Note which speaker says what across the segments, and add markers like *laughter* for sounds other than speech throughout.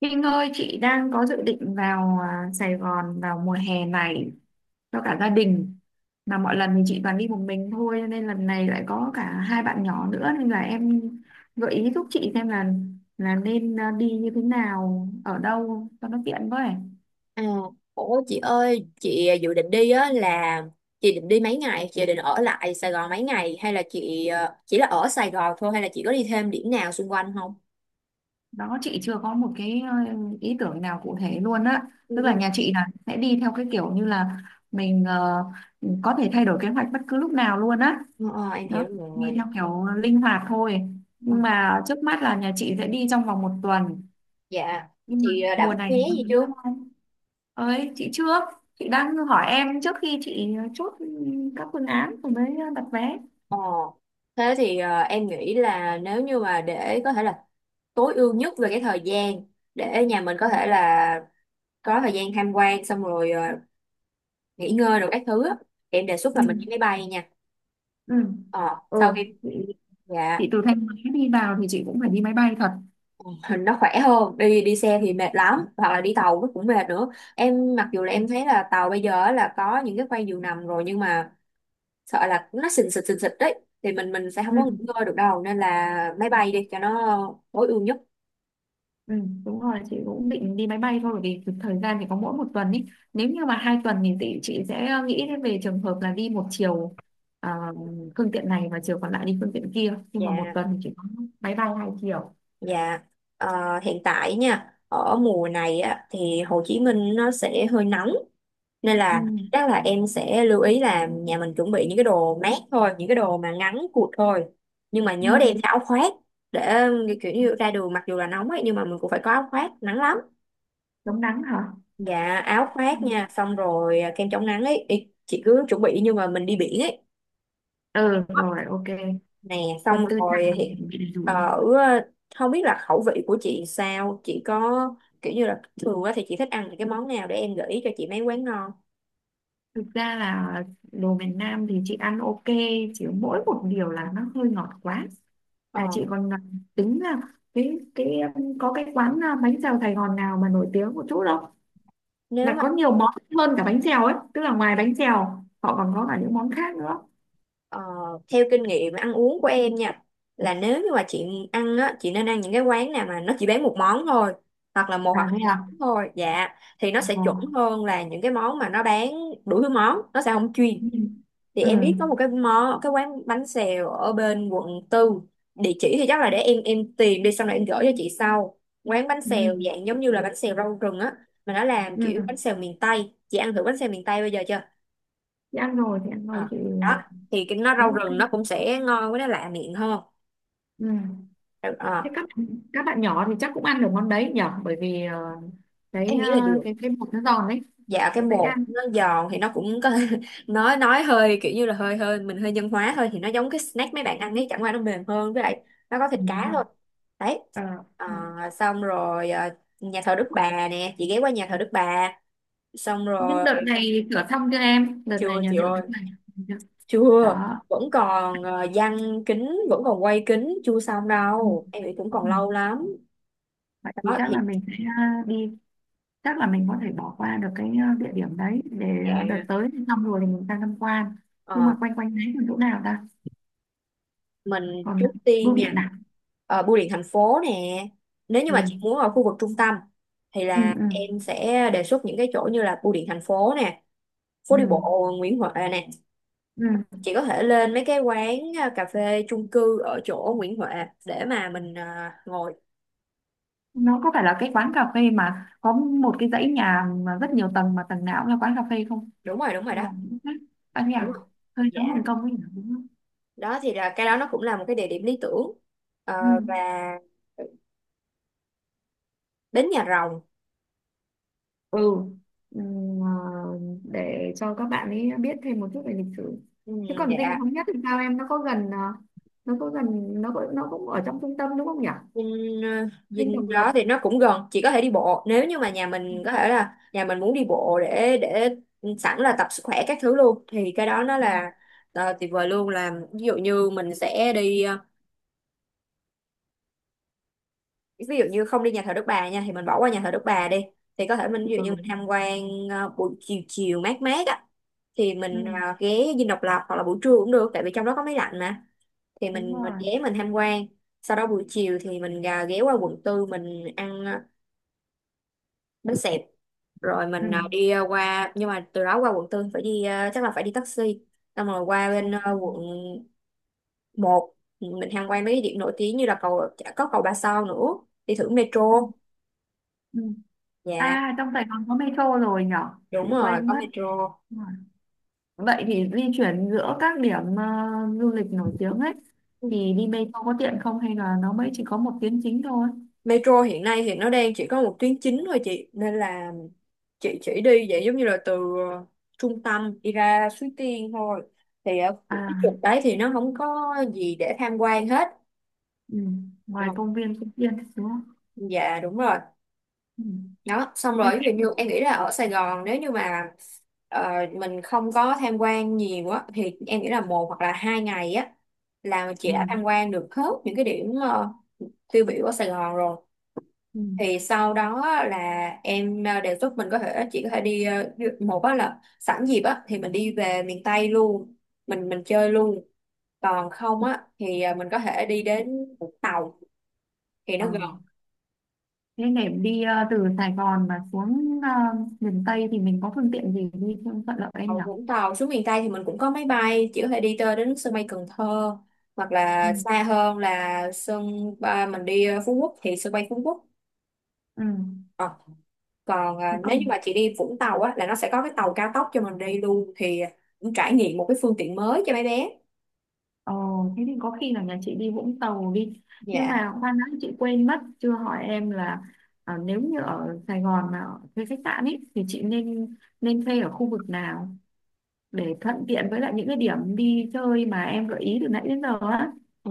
Speaker 1: Kinh ơi, chị đang có dự định vào Sài Gòn vào mùa hè này cho cả gia đình. Mà mọi lần thì chị toàn đi một mình thôi, cho nên lần này lại có cả hai bạn nhỏ nữa nên là em gợi ý giúp chị xem là nên đi như thế nào, ở đâu cho nó tiện với.
Speaker 2: À, ủa chị ơi, dự định đi á là chị định đi mấy ngày, chị định ở lại Sài Gòn mấy ngày hay là chỉ là ở Sài Gòn thôi hay là chị có đi thêm điểm nào xung quanh không?
Speaker 1: Đó chị chưa có một cái ý tưởng nào cụ thể luôn á.
Speaker 2: Ừ,
Speaker 1: Tức là
Speaker 2: ừ.
Speaker 1: nhà chị là sẽ đi theo cái kiểu như là mình có thể thay đổi kế hoạch bất cứ lúc nào luôn á,
Speaker 2: Ờ, em
Speaker 1: đó
Speaker 2: hiểu
Speaker 1: đi
Speaker 2: rồi.
Speaker 1: theo kiểu linh hoạt thôi,
Speaker 2: Ờ,
Speaker 1: nhưng mà trước mắt là nhà chị sẽ đi trong vòng một tuần.
Speaker 2: dạ,
Speaker 1: Nhưng mà
Speaker 2: đã
Speaker 1: mùa
Speaker 2: book
Speaker 1: này
Speaker 2: vé
Speaker 1: thì không
Speaker 2: gì
Speaker 1: đúng
Speaker 2: chưa?
Speaker 1: lắm anh ơi, chị trước, chị đang hỏi em trước khi chị chốt các phương án rồi mới đặt vé.
Speaker 2: Ờ, Thế thì em nghĩ là nếu như mà để có thể là tối ưu nhất về cái thời gian để nhà mình có thể là có thời gian tham quan xong rồi nghỉ ngơi rồi các thứ á, em đề xuất là mình đi
Speaker 1: Ừ,
Speaker 2: máy bay nha.
Speaker 1: ừ,
Speaker 2: Ờ,
Speaker 1: ừ.
Speaker 2: sau khi
Speaker 1: chị,
Speaker 2: dạ
Speaker 1: chị từ Thanh Hóa đi vào thì chị cũng phải đi máy bay thật.
Speaker 2: hình nó khỏe hơn đi đi xe thì mệt lắm hoặc là đi tàu nó cũng mệt nữa, em mặc dù là em thấy là tàu bây giờ á là có những cái khoang giường nằm rồi nhưng mà sợ là nó xình xịch đấy thì mình sẽ không có nghỉ
Speaker 1: Ừ.
Speaker 2: ngơi được đâu, nên là máy bay đi cho nó tối ưu nhất.
Speaker 1: Ừ, đúng rồi, chị cũng định đi máy bay thôi bởi vì thời gian thì có mỗi một tuần ý. Nếu như mà 2 tuần thì chị sẽ nghĩ đến về trường hợp là đi một chiều, ờ, phương tiện này và chiều còn lại đi phương tiện kia, nhưng mà một
Speaker 2: Dạ,
Speaker 1: tuần thì chỉ có máy bay hai chiều.
Speaker 2: dạ. Ờ, hiện tại nha, ở mùa này á, thì Hồ Chí Minh nó sẽ hơi nóng, nên
Speaker 1: Ừ.
Speaker 2: là chắc là em sẽ lưu ý là nhà mình chuẩn bị những cái đồ mát thôi, những cái đồ mà ngắn cụt thôi, nhưng mà nhớ đem
Speaker 1: Ừ.
Speaker 2: theo áo khoác để kiểu như ra đường mặc dù là nóng ấy nhưng mà mình cũng phải có áo khoác, nắng lắm.
Speaker 1: Chống nắng hả.
Speaker 2: Dạ, áo
Speaker 1: Ừ.
Speaker 2: khoác nha, xong rồi kem chống nắng ấy. Ý, chị cứ chuẩn bị như mà mình đi biển ấy
Speaker 1: Ừ rồi ok,
Speaker 2: nè,
Speaker 1: quân
Speaker 2: xong
Speaker 1: tư trang
Speaker 2: rồi
Speaker 1: là
Speaker 2: thì
Speaker 1: mình bị đủ.
Speaker 2: ở, không biết là khẩu vị của chị sao, chị có kiểu như là thường á thì chị thích ăn những cái món nào để em gợi ý cho chị mấy quán ngon.
Speaker 1: Thực ra là đồ miền Nam thì chị ăn ok, chỉ mỗi một điều là nó hơi ngọt quá. À
Speaker 2: ờ
Speaker 1: chị còn tính là cái có cái quán bánh xèo Sài Gòn nào mà nổi tiếng một chút đâu.
Speaker 2: nếu
Speaker 1: Là có nhiều món hơn cả bánh xèo ấy, tức là ngoài bánh xèo họ còn có cả những món khác nữa.
Speaker 2: Ờ, theo kinh nghiệm ăn uống của em nha, là nếu như mà chị ăn á chị nên ăn những cái quán nào mà nó chỉ bán một món thôi, hoặc là một
Speaker 1: À
Speaker 2: hoặc
Speaker 1: thế
Speaker 2: hai
Speaker 1: à?
Speaker 2: món thôi, dạ, thì nó sẽ
Speaker 1: Ờ.
Speaker 2: chuẩn hơn là những cái món mà nó bán đủ thứ món, nó sẽ không chuyên.
Speaker 1: Ừ.
Speaker 2: Thì
Speaker 1: Ừ.
Speaker 2: em biết có một cái món cái quán bánh xèo ở bên quận tư, địa chỉ thì chắc là để em tìm đi xong rồi em gửi cho chị sau. Quán bánh
Speaker 1: Ừ.
Speaker 2: xèo dạng giống như là bánh xèo rau rừng á, mà nó làm
Speaker 1: Ừ.
Speaker 2: kiểu bánh xèo miền Tây, chị ăn thử bánh xèo miền Tây bây giờ chưa?
Speaker 1: Chị ăn rồi thì ăn rồi
Speaker 2: Ờ,
Speaker 1: chị à,
Speaker 2: đó, thì cái nó
Speaker 1: thấy
Speaker 2: rau
Speaker 1: ok.
Speaker 2: rừng nó cũng sẽ ngon, với nó lạ miệng hơn.
Speaker 1: Ừ. Thế
Speaker 2: ờ,
Speaker 1: các bạn nhỏ thì chắc cũng ăn được món đấy nhở, bởi vì cái
Speaker 2: em nghĩ
Speaker 1: ờ,
Speaker 2: là được.
Speaker 1: cái bột nó giòn đấy.
Speaker 2: Dạ, cái
Speaker 1: Dễ
Speaker 2: bột
Speaker 1: ăn.
Speaker 2: nó giòn thì nó cũng có *laughs* nói hơi kiểu như là hơi hơi mình hơi nhân hóa thôi, thì nó giống cái snack mấy bạn ăn ấy, chẳng qua nó mềm hơn, với lại nó có thịt
Speaker 1: Ừ, đúng
Speaker 2: cá
Speaker 1: không.
Speaker 2: thôi. Đấy.
Speaker 1: Ờ.
Speaker 2: Ờ, Xong rồi nhà thờ Đức Bà nè, chị ghé qua nhà thờ Đức Bà xong
Speaker 1: Nhưng
Speaker 2: rồi.
Speaker 1: đợt này thửa xong chưa em, đợt
Speaker 2: Chưa
Speaker 1: này
Speaker 2: chị
Speaker 1: nhà thờ
Speaker 2: ơi,
Speaker 1: đợt này chưa?
Speaker 2: chưa,
Speaker 1: Đó.
Speaker 2: vẫn còn giăng kính, vẫn còn quay kính chưa xong
Speaker 1: Ừ.
Speaker 2: đâu, em nghĩ cũng còn
Speaker 1: Ừ.
Speaker 2: lâu lắm.
Speaker 1: Vậy thì
Speaker 2: Đó
Speaker 1: chắc
Speaker 2: thì
Speaker 1: là mình sẽ đi, chắc là mình có thể bỏ qua được cái địa điểm đấy, để đợt
Speaker 2: dạ.
Speaker 1: tới thì xong rồi thì mình sang tham quan. Nhưng mà
Speaker 2: Ờ,
Speaker 1: quanh quanh đấy còn chỗ nào ta,
Speaker 2: mình
Speaker 1: còn
Speaker 2: trước
Speaker 1: bưu
Speaker 2: tiên
Speaker 1: điện
Speaker 2: nha,
Speaker 1: nào.
Speaker 2: bưu điện thành phố nè, nếu như mà chị
Speaker 1: Ừ.
Speaker 2: muốn ở khu vực trung tâm thì
Speaker 1: Ừ,
Speaker 2: là
Speaker 1: ừ,
Speaker 2: em sẽ đề xuất những cái chỗ như là bưu điện thành phố nè,
Speaker 1: ừ,
Speaker 2: phố đi bộ Nguyễn Huệ nè,
Speaker 1: ừ.
Speaker 2: chị có thể lên mấy cái quán cà phê chung cư ở chỗ Nguyễn Huệ để mà mình ngồi.
Speaker 1: Nó có phải là cái quán cà phê mà có một cái dãy nhà mà rất nhiều tầng mà tầng nào cũng là quán cà phê không,
Speaker 2: Đúng rồi.
Speaker 1: hay
Speaker 2: Đó,
Speaker 1: là những cái khác? À,
Speaker 2: đúng
Speaker 1: nhà
Speaker 2: rồi.
Speaker 1: hơi
Speaker 2: Dạ,
Speaker 1: nóng hồng kông ấy nhỉ, đúng không.
Speaker 2: đó thì là cái đó nó cũng là một cái địa điểm lý tưởng. Ờ, và
Speaker 1: Ừ.
Speaker 2: đến nhà rồng.
Speaker 1: Ừ. Ừm, à, để cho các bạn ấy biết thêm một chút về lịch sử.
Speaker 2: Ừ,
Speaker 1: Thế còn Dinh
Speaker 2: dạ.
Speaker 1: Thống Nhất thì sao em, nó có gần nó có gần, nó có, nó cũng ở trong trung tâm đúng không nhỉ.
Speaker 2: Dinh,
Speaker 1: Dinh
Speaker 2: Dinh
Speaker 1: Độc Lập.
Speaker 2: đó thì nó cũng gần, chỉ có thể đi bộ, nếu như mà nhà mình có thể là nhà mình muốn đi bộ để sẵn là tập sức khỏe các thứ luôn, thì cái đó nó
Speaker 1: Ừ,
Speaker 2: là tuyệt vời luôn. Là ví dụ như mình sẽ đi ví dụ như không đi nhà thờ Đức Bà nha, thì mình bỏ qua nhà thờ Đức Bà đi, thì có thể mình ví dụ như mình
Speaker 1: ừ,
Speaker 2: tham quan buổi chiều chiều mát mát á, thì mình
Speaker 1: ừ,
Speaker 2: ghé Dinh Độc Lập, hoặc là buổi trưa cũng được, tại vì trong đó có máy lạnh mà, thì
Speaker 1: đúng
Speaker 2: mình
Speaker 1: rồi.
Speaker 2: ghé mình tham quan, sau đó buổi chiều thì mình ghé qua quận tư mình ăn bánh xẹp, rồi
Speaker 1: Ừ.
Speaker 2: mình đi qua, nhưng mà từ đó qua quận tư phải đi chắc là phải đi taxi, xong rồi qua bên quận một, mình tham quan mấy cái điểm nổi tiếng như là cầu, có cầu Ba Sao nữa, đi thử metro.
Speaker 1: Ừ, ừ.
Speaker 2: Dạ,
Speaker 1: À trong Sài Gòn có metro rồi nhỉ? Chị
Speaker 2: đúng rồi,
Speaker 1: quên
Speaker 2: có
Speaker 1: mất.
Speaker 2: metro.
Speaker 1: Đúng rồi. Vậy thì di chuyển giữa các điểm du lịch nổi tiếng ấy thì đi metro có tiện không, hay là nó mới chỉ có một tuyến chính thôi.
Speaker 2: Metro hiện nay thì nó đang chỉ có một tuyến chính thôi chị, nên là chị chỉ đi vậy giống như là từ ờ, trung tâm đi ra Suối Tiên thôi, thì ở cái
Speaker 1: À.
Speaker 2: trục đấy thì nó không có gì để tham quan hết.
Speaker 1: Ừ. Ngoài
Speaker 2: Ờ,
Speaker 1: công viên Phúc Yên đúng không.
Speaker 2: dạ đúng rồi.
Speaker 1: Ừ.
Speaker 2: Đó, xong
Speaker 1: Thế.
Speaker 2: rồi ví dụ như em nghĩ là ở Sài Gòn, nếu như mà mình không có tham quan nhiều á thì em nghĩ là một hoặc là hai ngày á là chị
Speaker 1: Ừ.
Speaker 2: đã tham quan được hết những cái điểm tiêu biểu ở Sài Gòn rồi,
Speaker 1: Ừ.
Speaker 2: thì sau đó á, là em đề xuất mình có thể chỉ có thể đi ờ, một á là sẵn dịp á thì mình đi về miền Tây luôn, mình chơi luôn, còn không á thì ờ, mình có thể đi đến Vũng Tàu, thì
Speaker 1: Ờ.
Speaker 2: nó gần.
Speaker 1: Thế để đi từ Sài Gòn mà xuống miền Tây thì mình có phương tiện gì đi cho thuận lợi anh
Speaker 2: Ở
Speaker 1: nhỉ?
Speaker 2: Vũng Tàu xuống miền Tây thì mình cũng có máy bay, chỉ có thể đi tới đến sân bay Cần Thơ, hoặc
Speaker 1: Ừ.
Speaker 2: là xa hơn là sân ba mình đi Phú Quốc thì sân bay Phú Quốc.
Speaker 1: Ừ.
Speaker 2: Ờ, còn
Speaker 1: Thì có...
Speaker 2: nếu như mà chị đi Vũng Tàu á là nó sẽ có cái tàu cao tốc cho mình đi luôn, thì cũng trải nghiệm một cái phương tiện mới cho mấy bé.
Speaker 1: Ờ, thế thì có khi là nhà chị đi Vũng Tàu đi. Nhưng
Speaker 2: Dạ.
Speaker 1: mà khoan đã, chị quên mất chưa hỏi em là nếu như ở Sài Gòn mà thuê khách sạn ấy thì chị nên nên thuê ở khu vực nào để thuận tiện với lại những cái điểm đi chơi mà em gợi ý từ nãy đến giờ á.
Speaker 2: Ừ.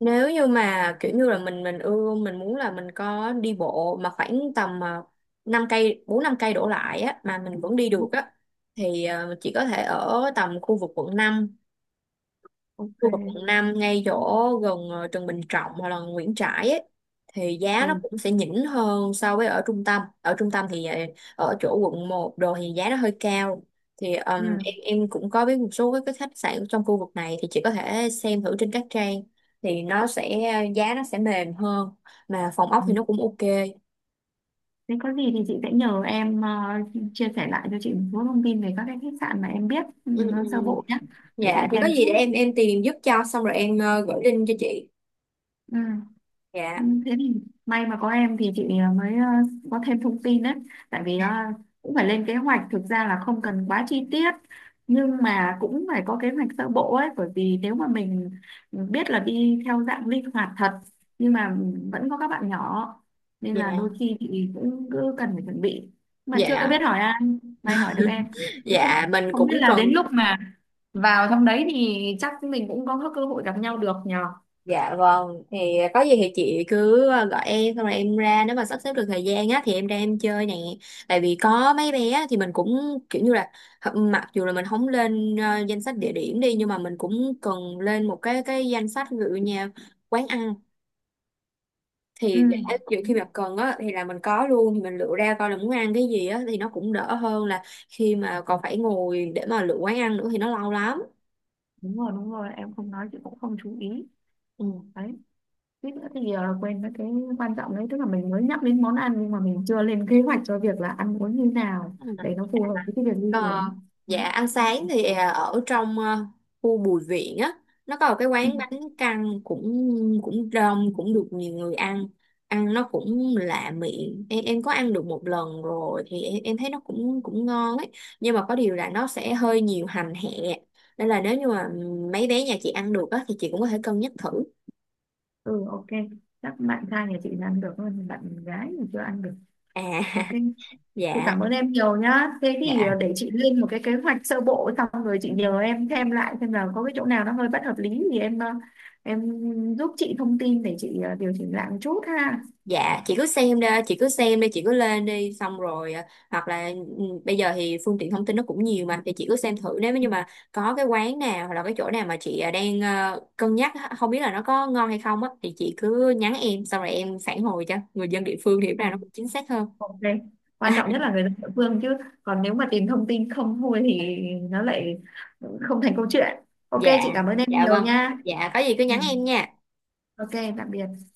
Speaker 2: Nếu như mà kiểu như là mình ưa, mình muốn là mình có đi bộ mà khoảng tầm 5 cây, 4 5 cây đổ lại á mà mình vẫn đi được á, thì ờ, chỉ có thể ở tầm khu vực quận 5.
Speaker 1: Ok.
Speaker 2: Tôi ở quận 5 ngay chỗ gần Trần Bình Trọng hoặc là Nguyễn Trãi ấy, thì giá nó
Speaker 1: Ừ.
Speaker 2: cũng sẽ nhỉnh hơn so với ở trung tâm. Ở trung tâm thì ở chỗ quận một đồ thì giá nó hơi cao. Thì em cũng có biết một số cái khách sạn trong khu vực này, thì chị có thể xem thử trên các trang, thì nó sẽ giá nó sẽ mềm hơn, mà phòng ốc thì
Speaker 1: Ừ.
Speaker 2: nó cũng ok.
Speaker 1: Nếu có gì thì chị sẽ nhờ em chia sẻ lại cho chị một số thông tin về các cái khách sạn mà em biết, ừ,
Speaker 2: Ừ.
Speaker 1: nó sơ bộ nhé, để chị
Speaker 2: Dạ thì có
Speaker 1: xem trước.
Speaker 2: gì để em tìm giúp cho xong rồi em gửi link cho chị.
Speaker 1: Ừ. Ừ,
Speaker 2: Dạ.
Speaker 1: thế thì may mà có em thì chị mới có thêm thông tin đấy, tại vì cũng phải lên kế hoạch, thực ra là không cần quá chi tiết nhưng mà cũng phải có kế hoạch sơ bộ ấy, bởi vì nếu mà mình biết là đi theo dạng linh hoạt thật nhưng mà vẫn có các bạn nhỏ nên là
Speaker 2: Dạ.
Speaker 1: đôi khi thì cũng cứ cần phải chuẩn bị mà chưa
Speaker 2: Dạ,
Speaker 1: biết hỏi ai, may hỏi được em thì không
Speaker 2: dạ mình
Speaker 1: không biết
Speaker 2: cũng
Speaker 1: là đến
Speaker 2: cần.
Speaker 1: lúc mà vào trong đấy thì chắc mình cũng có cơ hội gặp nhau được nhờ.
Speaker 2: Dạ vâng, thì có gì thì chị cứ gọi em xong rồi em ra, nếu mà sắp xếp được thời gian á thì em ra em chơi nè. Tại vì có mấy bé á, thì mình cũng kiểu như là mặc dù là mình không lên danh sách địa điểm đi, nhưng mà mình cũng cần lên một cái danh sách ví dụ như quán ăn,
Speaker 1: Ừ.
Speaker 2: thì để ví khi mà cần á thì là mình có luôn, thì mình lựa ra coi là muốn ăn cái gì á thì nó cũng đỡ hơn là khi mà còn phải ngồi để mà lựa quán ăn nữa thì nó lâu lắm.
Speaker 1: Đúng rồi đúng rồi, em không nói chị cũng không chú ý đấy, suýt nữa thì quên mất cái quan trọng đấy, tức là mình mới nhắc đến món ăn nhưng mà mình chưa lên kế hoạch cho việc là ăn uống như nào
Speaker 2: Ừ.
Speaker 1: để nó phù hợp với cái việc di
Speaker 2: Ờ,
Speaker 1: chuyển đấy.
Speaker 2: dạ ăn sáng thì ở trong khu Bùi Viện á, nó có một cái
Speaker 1: Ừ.
Speaker 2: quán bánh căn, cũng cũng đông, cũng được nhiều người ăn, ăn nó cũng lạ miệng, em có ăn được một lần rồi thì em thấy nó cũng cũng ngon ấy, nhưng mà có điều là nó sẽ hơi nhiều hành hẹ, nên là nếu như mà mấy bé nhà chị ăn được á thì chị cũng có thể cân nhắc thử.
Speaker 1: Ừ ok, chắc bạn trai nhà chị làm được hơn, bạn gái thì chưa ăn được.
Speaker 2: À
Speaker 1: Ok,
Speaker 2: *laughs*
Speaker 1: chị
Speaker 2: dạ.
Speaker 1: cảm ơn em nhiều nhá, thế thì
Speaker 2: Dạ.
Speaker 1: để chị lên một cái kế hoạch sơ bộ xong rồi chị nhờ em thêm lại xem là có cái chỗ nào nó hơi bất hợp lý thì em giúp chị thông tin để chị điều chỉnh lại một chút ha.
Speaker 2: Dạ, chị cứ xem đi, chị cứ xem đi, chị cứ lên đi, xong rồi hoặc là ừ, bây giờ thì phương tiện thông tin nó cũng nhiều mà, thì chị cứ xem thử, nếu như mà có cái quán nào hoặc là cái chỗ nào mà chị đang cân nhắc á, không biết là nó có ngon hay không á, thì chị cứ nhắn em, xong rồi em phản hồi cho, người dân địa phương thì lúc nào nó cũng chính xác hơn.
Speaker 1: Ok. Quan trọng nhất
Speaker 2: *laughs*
Speaker 1: là người dân địa phương chứ, còn nếu mà tìm thông tin không thôi thì nó lại không thành câu chuyện. Ok,
Speaker 2: Dạ,
Speaker 1: chị cảm ơn em
Speaker 2: dạ
Speaker 1: nhiều
Speaker 2: vâng,
Speaker 1: nha.
Speaker 2: dạ có gì cứ
Speaker 1: Ừ.
Speaker 2: nhắn em nha.
Speaker 1: Ok, tạm biệt.